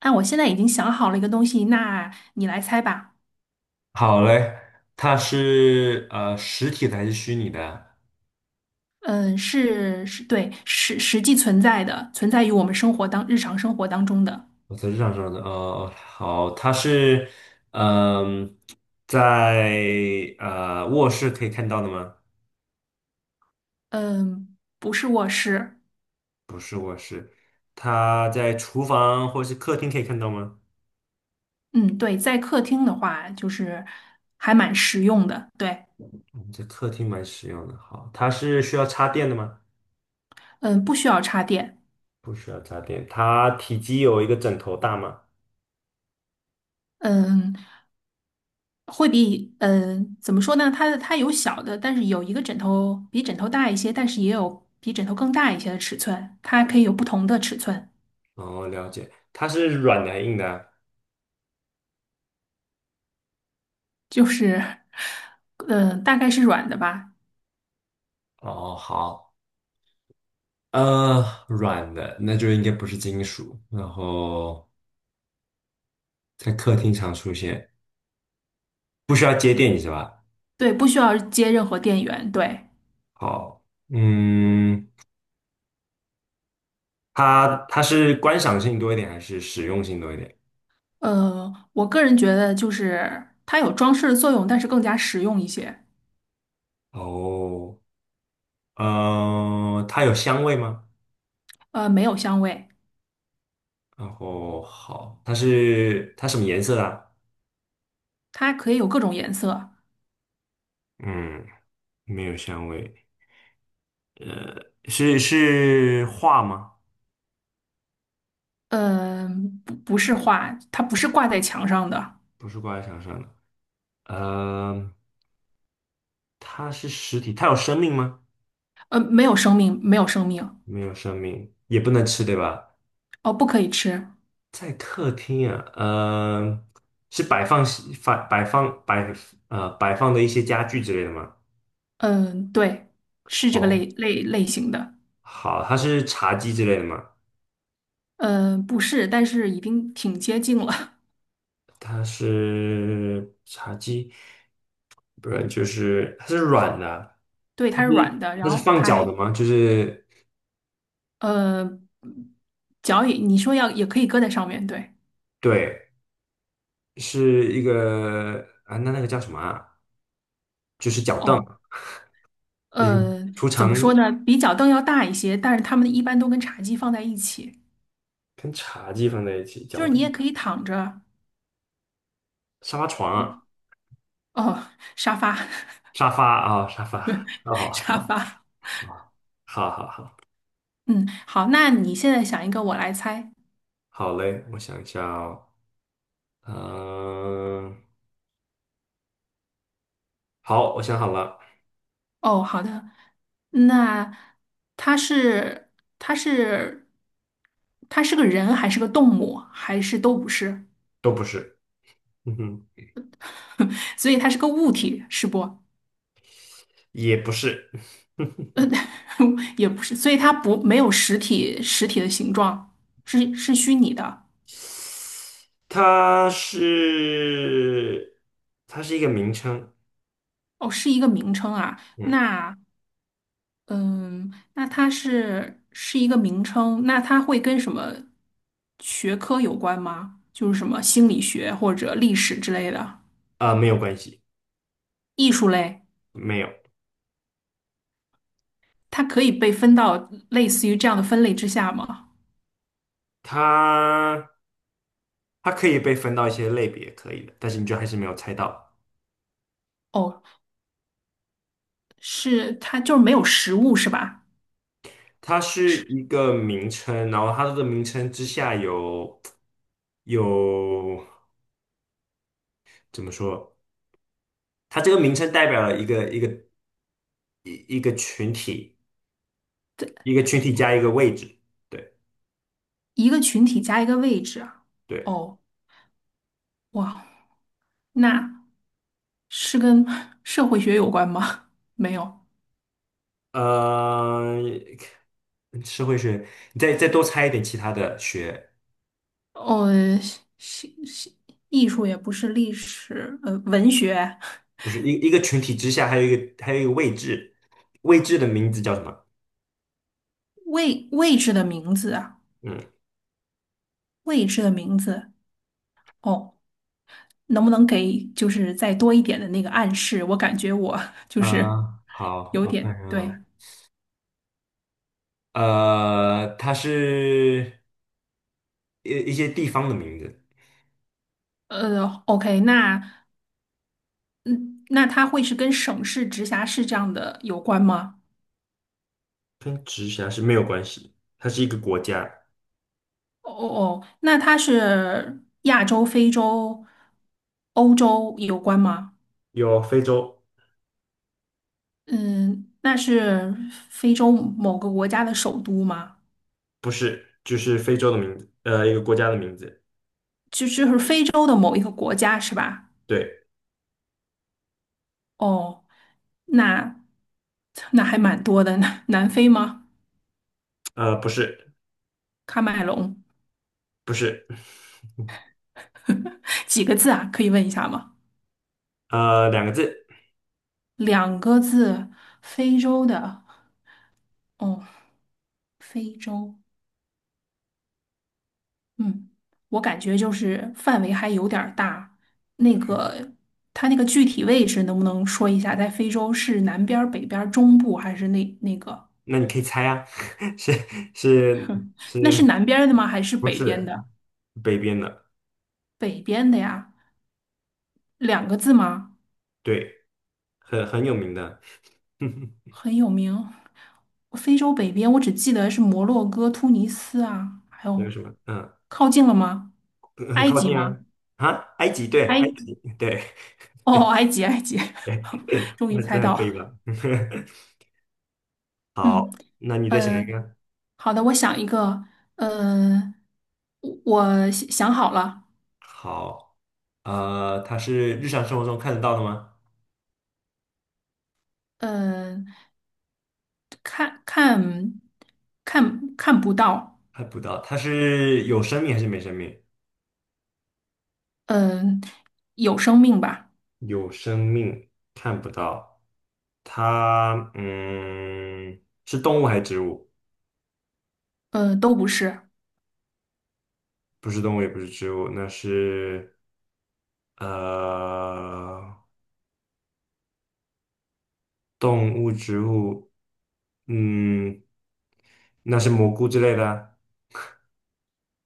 啊，我现在已经想好了一个东西，那你来猜吧。好嘞，它是实体的还是虚拟的？对，实际存在的，存在于我们生活当日常生活当中的。我在日常上的哦，好，它是嗯、在卧室可以看到的吗？嗯，不是卧室。它在厨房或是客厅可以看到吗？嗯，对，在客厅的话，就是还蛮实用的。对，嗯在客厅蛮实用的。好，它是需要插电的吗？嗯，不需要插电。不需要插电。它体积有一个枕头大吗？嗯，会比怎么说呢？它有小的，但是有一个枕头比枕头大一些，但是也有比枕头更大一些的尺寸，它可以有不同的尺寸。哦，了解。它是软的还是硬的就是，嗯，大概是软的吧，啊哦，好，呃，软的，那就应该不是金属。然后。在客厅常出现，不需要接电影是吧？对，不需要接任何电源，对，好，嗯，它是观赏性多一点还是实用性多一点？我个人觉得就是它有装饰的作用，但是更加实用一些，哦，它有香味吗？没有香味，然后好，它是它什么颜色的啊它可以有各种颜色，嗯，没有香味，呃，是画吗？嗯，不是画，它不是挂在墙上的，不是挂在墙上的，呃，它是实体，它有生命吗？呃，没有生命，没有生命，没有生命，也不能吃，对吧？哦，不可以吃，在客厅啊，呃，是摆放摆摆放摆摆放的一些家具之类的吗？嗯、对，是这个哦，类型的，好，它是茶几之类的吗？嗯，不是，但是已经挺接近了，它是茶几，不是，就是它是软的，对，它是软的，然它是后放它脚还的吗？就是呃，脚也，你说要也可以搁在上面，对。对，是一个啊，那那个叫什么啊？就是脚凳，哦，嗯，呃，储怎藏么说呢？比脚凳要大一些，但是它们一般都跟茶几放在一起，跟茶几放在一起，就脚是你凳、也可以躺着。沙发床啊，哦，沙发，沙发啊，沙发，沙哦，发。好好好。嗯，好，那你现在想一个，我来猜。好嘞，我想一下哦，嗯、好，我想好了，哦，好的。那它是它是它是个人还是个动物，还是都不是？都不是，嗯哼，所以它是个物体，是不？也不是，也不是，所以它不没有实体的形状，是虚拟的。它是，它是一个名称，哦，是一个名称啊。嗯，那嗯，那它是一个名称，那它会跟什么学科有关吗？就是什么心理学或者历史之类的没有关系，艺术类，没有，它可以被分到类似于这样的分类之下吗？它它可以被分到一些类别，可以的，但是你就还是没有猜到，哦，是它就是没有实物是吧？它是一个名称，然后它的名称之下有有怎么说？它这个名称代表了一个群体，一个群体加一个位置，对一个群体加一个位置啊对，哦，哇，那。是跟社会学有关吗？没有。呃，社会学，你再多猜一点其他的学，哦，是是，艺术也不是历史，呃，文学不是一个群体之下还有一个位置，位置的名字叫什么？位置的名字啊，嗯，位置的名字。哦，能不能给就是再多一点的那个暗示？我感觉我就是啊，好，有我看点看对。啊，呃，它是一些地方的名字，OK,那嗯，那它会是跟省市、直辖市这样的有关吗？跟直辖市没有关系，它是一个国家，哦哦，哦，那它是亚洲、非洲、欧洲有关吗？有非洲，嗯，那是非洲某个国家的首都吗？不是，就是非洲的名字，呃，一个国家的名字，就就是非洲的某一个国家是吧？对，哦，那那还蛮多的。南非吗？呃，不是。喀麦隆，不是，几个字啊？可以问一下吗？呃，两个字，两个字，非洲的。哦，非洲。嗯，我感觉就是范围还有点儿大。那个，它那个具体位置能不能说一下？在非洲是南边儿、北边儿、中部还是那个？那你可以猜啊，是是哼，那是南边儿的吗？还是不北边是的？北边的？北边的呀，两个字吗？对，很有名的，还很有名。非洲北边，我只记得是摩洛哥、突尼斯啊，还有有什么？嗯，靠近了吗？很埃靠及近吗？啊，啊，埃及，对，埃，埃及，对，哦，埃及，埃及，终于那猜这还到可以了。吧？好，嗯，那你再想一呃，个。好的，我想一个，呃，我想好了，好，呃，它是日常生活中看得到的吗？呃，看看看不到，看不到，它是有生命还是没生命？嗯、有生命吧。有生命，看不到。它，嗯，是动物还是植物？呃，都不是。不是动物也不是植物，那是呃动物植物，嗯，那是蘑菇之类的啊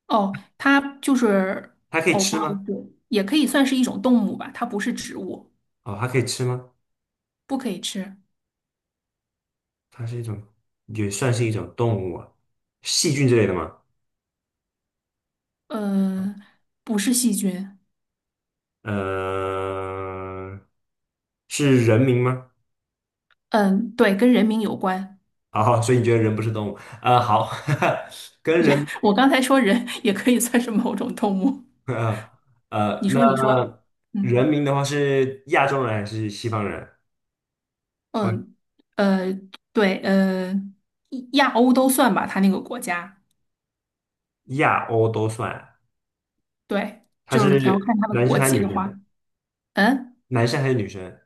哦，它就是它可以哦，不吃好吗？意思，也可以算是一种动物吧，它不是植物，哦，它可以吃吗？不可以吃。它是一种，也算是一种动物啊，细菌之类的吗？呃，不是细菌。呃，是人名吗？嗯，对，跟人名有关。哦，所以你觉得人不是动物？好，跟人，我刚才说人也可以算是某种动物。呃你说，你说，那嗯人名的话是亚洲人还是西方人？嗯呃，对，亚欧都算吧，他那个国家。亚欧都算，对，他是就是你要看他的男国生还是籍女的生？话，嗯，男生还是女生？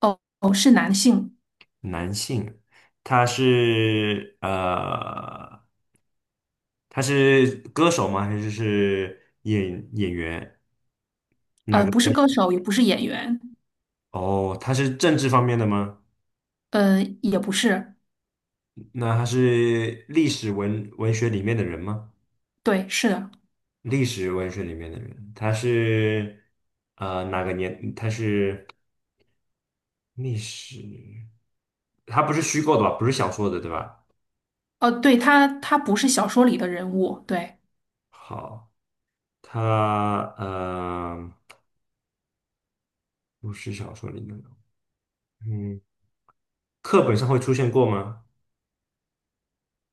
哦哦，是男性，男性，他是呃，他是歌手吗？还是演员？哪呃，个？不是歌手，也不是演员，哦，他是政治方面的吗？呃，也不是。那他是历史文学里面的人吗？对，是的，历史文学里面的人，他是呃哪个年？他是历史，他不是虚构的吧？不是小说的，对吧？哦，对，他他不是小说里的人物，对，好。他呃，不是小说里面的，嗯，课本上会出现过吗？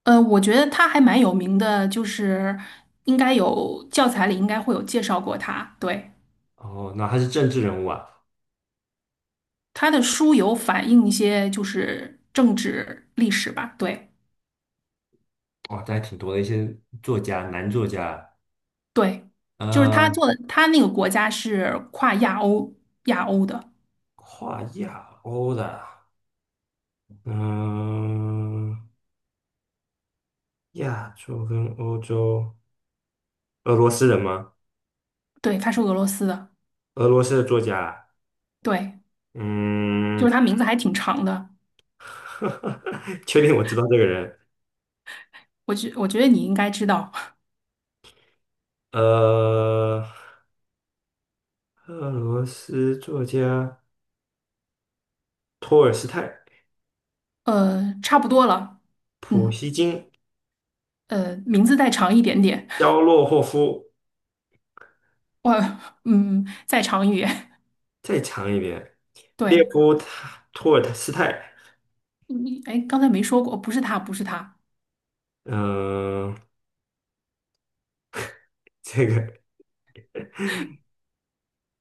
我觉得他还蛮有名的，就是应该有教材里应该会有介绍过他，对，哦，那他是政治人物啊，他的书有反映一些就是政治历史吧，对哦，这还挺多的一些作家，男作家，对，就是他呃，做的，他那个国家是跨亚欧的，跨亚欧的，嗯、亚洲跟欧洲，俄罗斯人吗？对，他是俄罗斯的，俄罗斯的作家，对，就是嗯，他名字还挺长的，确定我知道这个人，我觉得你应该知道，呃，俄罗斯作家托尔斯泰、呃，差不多了，普嗯，希金。呃，名字再长一点点。肖洛霍夫，我嗯，在场语再长一点，列对，夫塔托尔斯泰，你哎，刚才没说过，不是他，不是他，嗯、这个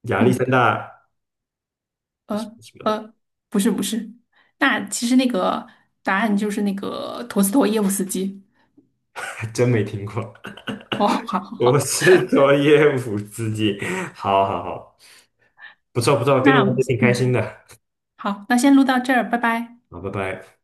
亚历嗯，山大什呃么什么的，呃，不是不是，那其实那个答案就是那个陀思妥耶夫斯基。还真没听过。哦，好好我好，是佐耶夫斯基，好好好，不错不错，跟你那玩的挺开嗯，心的，好，那先录到这儿，拜拜。好，拜拜。